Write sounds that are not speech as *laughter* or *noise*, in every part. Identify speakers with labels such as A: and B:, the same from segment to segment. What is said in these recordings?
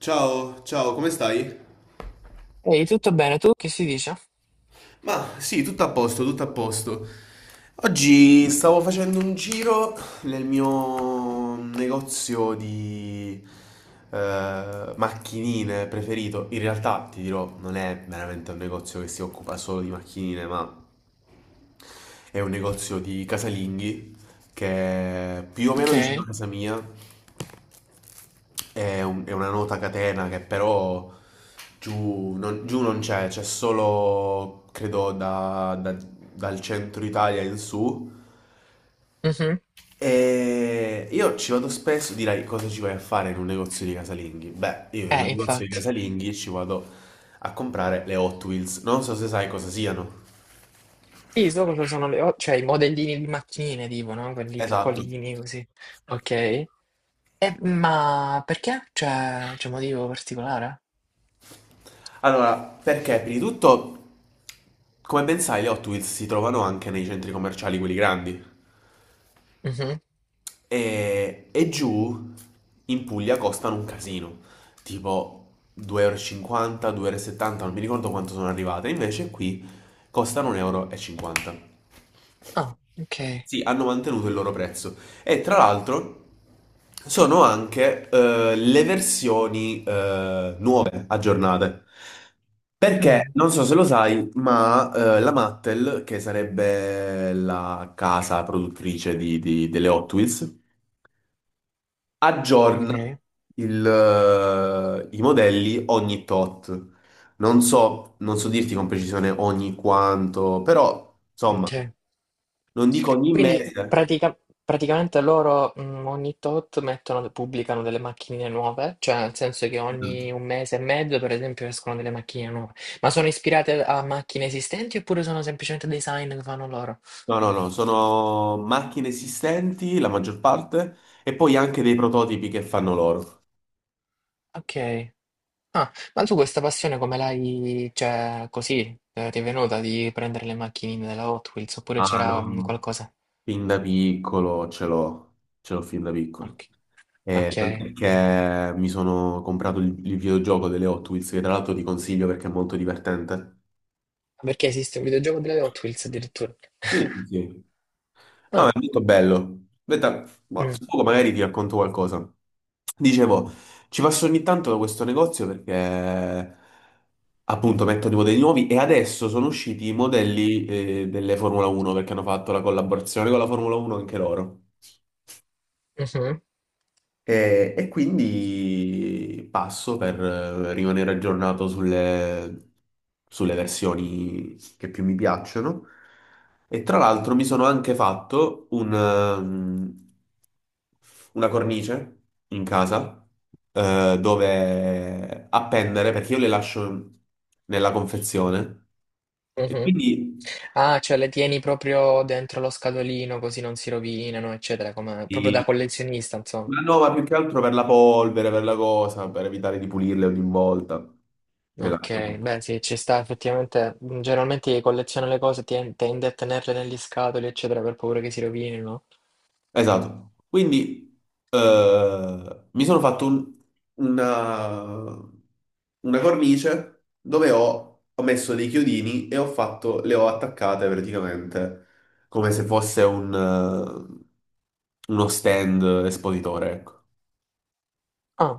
A: Ciao, ciao, come stai?
B: Ehi, tutto bene? Tu che si dice?
A: Ma sì, tutto a posto, tutto a posto. Oggi stavo facendo un giro nel mio negozio di macchinine preferito. In realtà, ti dirò, non è veramente un negozio che si occupa solo di macchinine, ma è un negozio di casalinghi che è più o meno vicino a
B: Ok.
A: casa mia. È una nota catena che però giù non c'è solo, credo, dal centro Italia in su.
B: Mhm.
A: E io ci vado spesso, direi, cosa ci vai a fare in un negozio di casalinghi? Beh, io in un negozio di
B: Infatti.
A: casalinghi ci vado a comprare le Hot Wheels. Non so se sai cosa siano.
B: Sì, so cosa sono cioè i modellini di macchinine, tipo, no? Quelli
A: Esatto.
B: piccolini, così. Ok. E, ma perché? Cioè, c'è un motivo particolare?
A: Allora, perché prima di tutto, come ben sai, le Hot Wheels si trovano anche nei centri commerciali, quelli grandi.
B: Mhm.
A: E giù in Puglia costano un casino, tipo 2,50 euro, 2,70 euro, e settanta, non mi ricordo quanto sono arrivate, invece qui costano 1,50 euro, e cinquanta.
B: Ah, ok.
A: Sì, hanno mantenuto il loro prezzo. E tra l'altro sono anche le versioni nuove, aggiornate. Perché
B: Mm,
A: non so se lo sai, ma la Mattel, che sarebbe la casa produttrice delle Hot Wheels,
B: ok,
A: aggiorna i modelli ogni tot. Non so dirti con precisione ogni quanto, però insomma,
B: ok.
A: non dico ogni
B: Quindi
A: mese.
B: praticamente loro ogni tot pubblicano delle macchinine nuove, cioè nel senso che ogni un
A: Esatto.
B: mese e mezzo, per esempio, escono delle macchine nuove. Ma sono ispirate a macchine esistenti oppure sono semplicemente design che fanno loro?
A: No, no, no, sono macchine esistenti, la maggior parte, e poi anche dei prototipi che fanno loro.
B: Ok. Ah, ma tu questa passione come l'hai, cioè, così, ti è venuta di prendere le macchinine della Hot Wheels oppure
A: Ah,
B: c'era
A: no,
B: qualcosa?
A: fin da piccolo ce l'ho fin da
B: Ok.
A: piccolo. Eh,
B: Ok.
A: tant'è che mi sono comprato il videogioco delle Hot Wheels, che tra l'altro ti consiglio perché è molto divertente.
B: Perché esiste un videogioco delle Hot Wheels addirittura?
A: Sì,
B: *laughs*
A: sì. No, è
B: Ah,
A: molto bello. Aspetta, ma
B: mm,
A: tra poco magari ti racconto qualcosa. Dicevo, ci passo ogni tanto da questo negozio perché appunto mettono i modelli nuovi e adesso sono usciti i modelli delle Formula 1 perché hanno fatto la collaborazione con la Formula 1 anche loro.
B: mhm,
A: E quindi passo per rimanere aggiornato sulle versioni che più mi piacciono. E tra l'altro mi sono anche fatto una cornice in casa dove appendere, perché io le lascio nella confezione. E
B: mhm.
A: quindi,
B: Ah, cioè le tieni proprio dentro lo scatolino così non si rovinano, eccetera, come proprio da
A: sì,
B: collezionista, insomma.
A: ma no, ma più che altro per la polvere, per la cosa, per evitare di pulirle ogni volta. Le lascio.
B: Ok, beh sì, ci sta effettivamente. Generalmente chi colleziona le cose tende a tenerle negli scatoli, eccetera, per paura che si rovinino.
A: Esatto. Quindi mi sono fatto una, una cornice dove ho messo dei chiodini e ho fatto, le ho attaccate praticamente come se fosse uno stand espositore. Ecco.
B: Ah,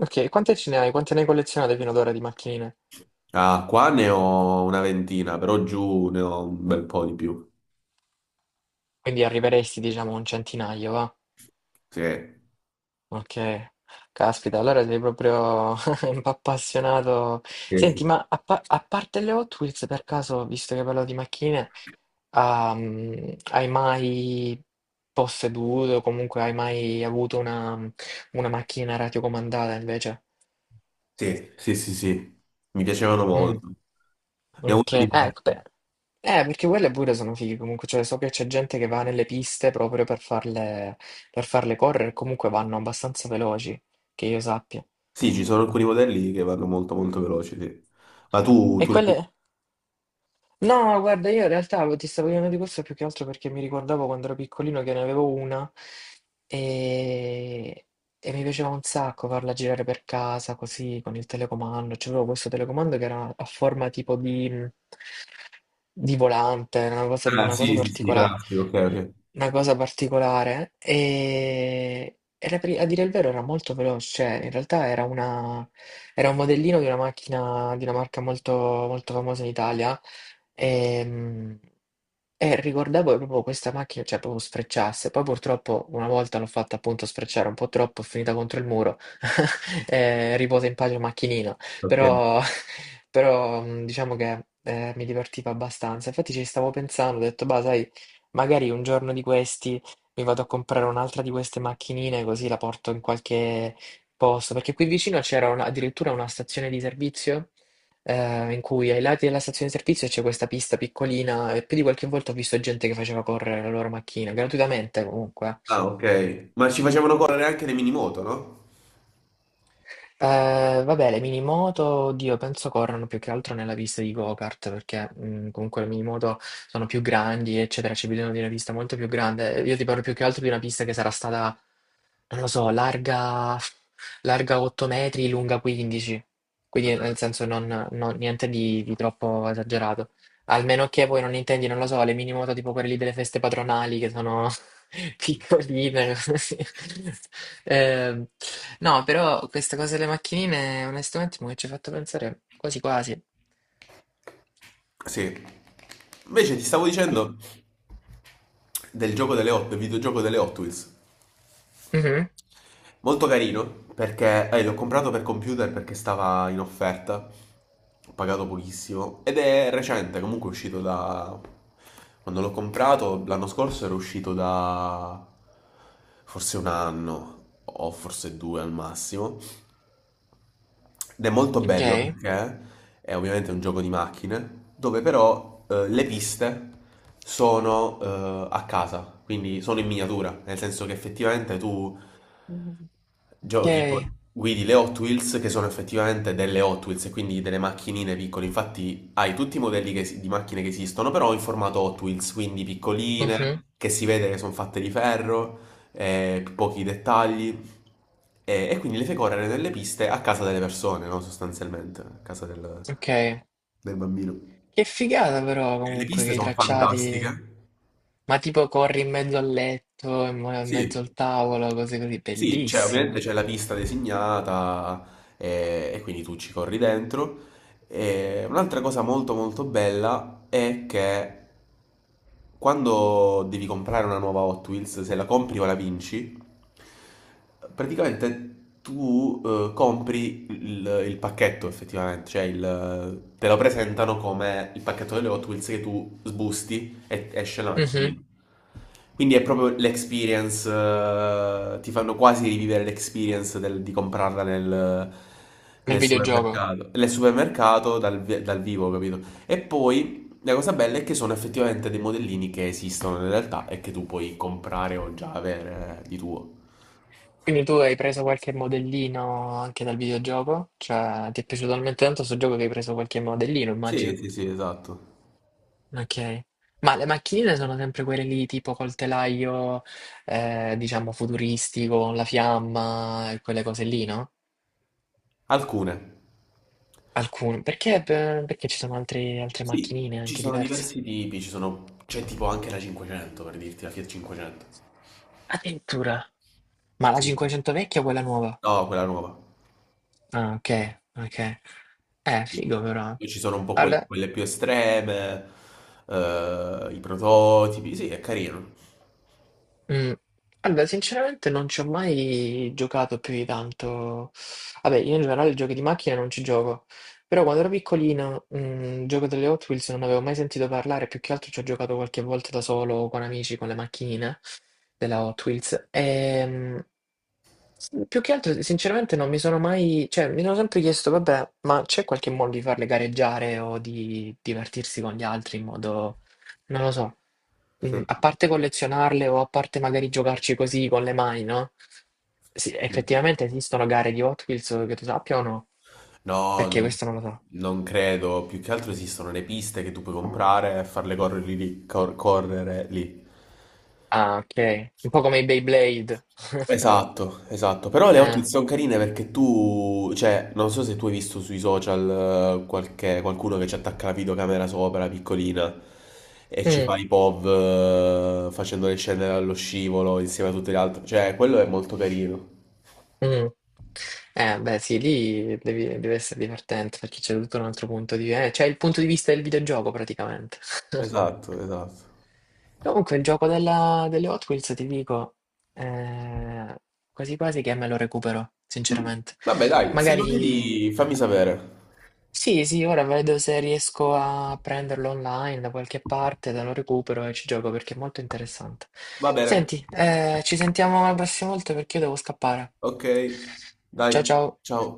B: ok, quante ce ne hai? Quante ne hai collezionate fino ad ora di macchinine?
A: Ah, qua ne ho una ventina, però giù ne ho un bel po' di più.
B: Quindi arriveresti, diciamo, a un centinaio, va?
A: Sì.
B: Ok, caspita, allora sei proprio *laughs* un po' appassionato.
A: Sì,
B: Senti, ma a parte le Hot Wheels, per caso, visto che parlo di macchine, hai mai posseduto, comunque hai mai avuto una, macchina radiocomandata invece?
A: sì, sì, sì. Sì. Mi piacevano molto.
B: Mm,
A: Ne ho
B: ok,
A: avuto di
B: eh, beh,
A: diversi.
B: eh, perché quelle pure sono fighe comunque, cioè so che c'è gente che va nelle piste proprio per farle correre, comunque vanno abbastanza veloci, che io sappia.
A: Sì, ci sono alcuni modelli che vanno molto molto veloci, sì. Ma tu,
B: E
A: tu le.
B: quelle... No, guarda, io in realtà ti stavo chiedendo di questo più che altro perché mi ricordavo quando ero piccolino che ne avevo una e, e mi piaceva un sacco farla girare per casa così con il telecomando. C'avevo questo telecomando che era a forma tipo di volante, era una cosa,
A: Ah,
B: una cosa
A: sì, sì, sì,
B: particolare,
A: classico, ok, ok.
B: una cosa particolare e a dire il vero era molto veloce, cioè, in realtà era un modellino di una macchina di una marca molto molto famosa in Italia Ehm, e ricordavo che proprio questa macchina, cioè proprio sfrecciasse. Poi purtroppo una volta l'ho fatta appunto sfrecciare un po' troppo, è finita contro il muro. *laughs* Riposa in pace macchinina.
A: Ok.
B: Però, *laughs* però diciamo che mi divertiva abbastanza. Infatti ci stavo pensando, ho detto, bah, sai, magari un giorno di questi mi vado a comprare un'altra di queste macchinine così la porto in qualche posto. Perché qui vicino c'era addirittura una stazione di servizio in cui ai lati della stazione di servizio c'è questa pista piccolina e più di qualche volta ho visto gente che faceva correre la loro macchina, gratuitamente comunque.
A: Ah, ok. Ma ci facevano correre anche le mini moto, no?
B: Vabbè, le minimoto, oddio, penso corrono più che altro nella pista di go-kart, perché comunque le minimoto sono più grandi, eccetera, ci bisogna di una pista molto più grande. Io ti parlo più che altro di una pista che sarà stata, non lo so, larga, larga 8 metri, lunga 15, quindi nel
A: Ah.
B: senso non, niente di troppo esagerato. Almeno che voi non intendi, non lo so, le minimoto tipo quelle lì delle feste patronali, che sono piccoline, così. Ehm, *laughs* no, però questa cosa delle macchinine, onestamente, mi ci ha fatto pensare quasi quasi.
A: Sì. Invece ti stavo dicendo del videogioco delle Hot Wheels.
B: Mhm.
A: Molto carino perché l'ho comprato per computer perché stava in offerta, ho pagato pochissimo ed è recente, comunque è uscito da. Quando l'ho comprato l'anno scorso era uscito da forse un anno o forse due al massimo ed è molto
B: Ok.
A: bello perché è ovviamente un gioco di macchine dove però le piste sono a casa, quindi sono in miniatura, nel senso che effettivamente tu
B: Mhm. Ok.
A: Giochi con guidi le Hot Wheels che sono effettivamente delle Hot Wheels e quindi delle macchinine piccole. Infatti hai tutti i modelli di macchine che esistono, però in formato Hot Wheels, quindi
B: Mhm.
A: piccoline, che si vede che sono fatte di ferro, pochi dettagli. E quindi le fai correre nelle piste a casa delle persone, no? Sostanzialmente, a casa del,
B: Ok.
A: del bambino.
B: Che figata però
A: E le
B: comunque che
A: piste
B: i
A: sono
B: tracciati,
A: fantastiche.
B: ma tipo corri in mezzo al letto, in mezzo
A: Sì.
B: al tavolo, cose così,
A: Sì, cioè, ovviamente
B: bellissimo.
A: c'è la pista designata, quindi tu ci corri dentro. E un'altra cosa molto molto bella è che quando devi comprare una nuova Hot Wheels, se la compri o la vinci, praticamente tu compri il pacchetto effettivamente, cioè te lo presentano come il pacchetto delle Hot Wheels che tu sbusti e esce la
B: Mhm.
A: macchina. Quindi è proprio l'experience, ti fanno quasi rivivere l'experience di comprarla nel,
B: Nel
A: nel
B: videogioco.
A: supermercato. Nel supermercato dal vivo, capito? E poi la cosa bella è che sono effettivamente dei modellini che esistono in realtà e che tu puoi comprare o già avere di tuo.
B: Quindi tu hai preso qualche modellino anche dal videogioco? Cioè, ti è piaciuto talmente tanto sto gioco che hai preso qualche modellino,
A: Sì,
B: immagino.
A: sì, sì, esatto.
B: Ok. Ma le macchinine sono sempre quelle lì, tipo col telaio, diciamo, futuristico, con la fiamma e quelle cose lì, no?
A: Alcune.
B: Alcune. Perché, perché ci sono altre
A: Sì,
B: macchinine
A: ci
B: anche
A: sono
B: diverse?
A: diversi tipi, ci sono. C'è tipo anche la 500, per dirti, la Fiat 500.
B: Addirittura. Ma la
A: Sì.
B: 500 vecchia o quella nuova?
A: No, quella nuova.
B: Ah, ok, ok.
A: Sì.
B: Figo però.
A: Poi ci sono un po' quelle,
B: Allora.
A: quelle più estreme, i prototipi, sì, è carino.
B: Mm. Allora, sinceramente non ci ho mai giocato più di tanto. Vabbè, io in generale giochi di macchine non ci gioco, però quando ero piccolino, il gioco delle Hot Wheels non avevo mai sentito parlare, più che altro ci ho giocato qualche volta da solo con amici, con le macchine della Hot Wheels. Più che altro, sinceramente, non mi sono mai, cioè, mi sono sempre chiesto, vabbè, ma c'è qualche modo di farle gareggiare o di divertirsi con gli altri in modo, non lo so,
A: Sì,
B: A parte collezionarle o a parte magari giocarci così con le mani, no? Sì,
A: sì.
B: effettivamente esistono gare di Hot Wheels che tu sappia o no?
A: No,
B: Perché
A: non
B: questo non lo so.
A: non credo, più che altro esistono le piste che tu puoi comprare e farle correre lì, correre lì.
B: Ah, ok. Un po' come i Beyblade. *laughs*
A: Esatto, esatto, però le
B: Eh.
A: ottiche sono carine perché cioè, non so se tu hai visto sui social qualcuno che ci attacca la videocamera sopra, piccolina, e ci
B: Mm.
A: fa i POV facendole scendere allo scivolo insieme a tutte le altre, cioè, quello è molto carino.
B: Mm. Beh, sì, lì deve essere divertente perché c'è tutto un altro punto di vista. C'è il punto di vista del videogioco praticamente. *laughs*
A: Esatto, esatto.
B: Comunque, il gioco delle Hot Wheels, ti dico, eh, quasi quasi che me lo recupero,
A: Mm.
B: sinceramente.
A: Vabbè, dai, se lo
B: Magari.
A: vedi fammi sapere.
B: Sì, sì, ora vedo se riesco a prenderlo online da qualche parte, te lo recupero e ci gioco perché è molto interessante.
A: Va bene.
B: Senti, ci sentiamo la prossima volta perché io devo scappare.
A: Ok,
B: Ciao
A: dai,
B: ciao.
A: ciao.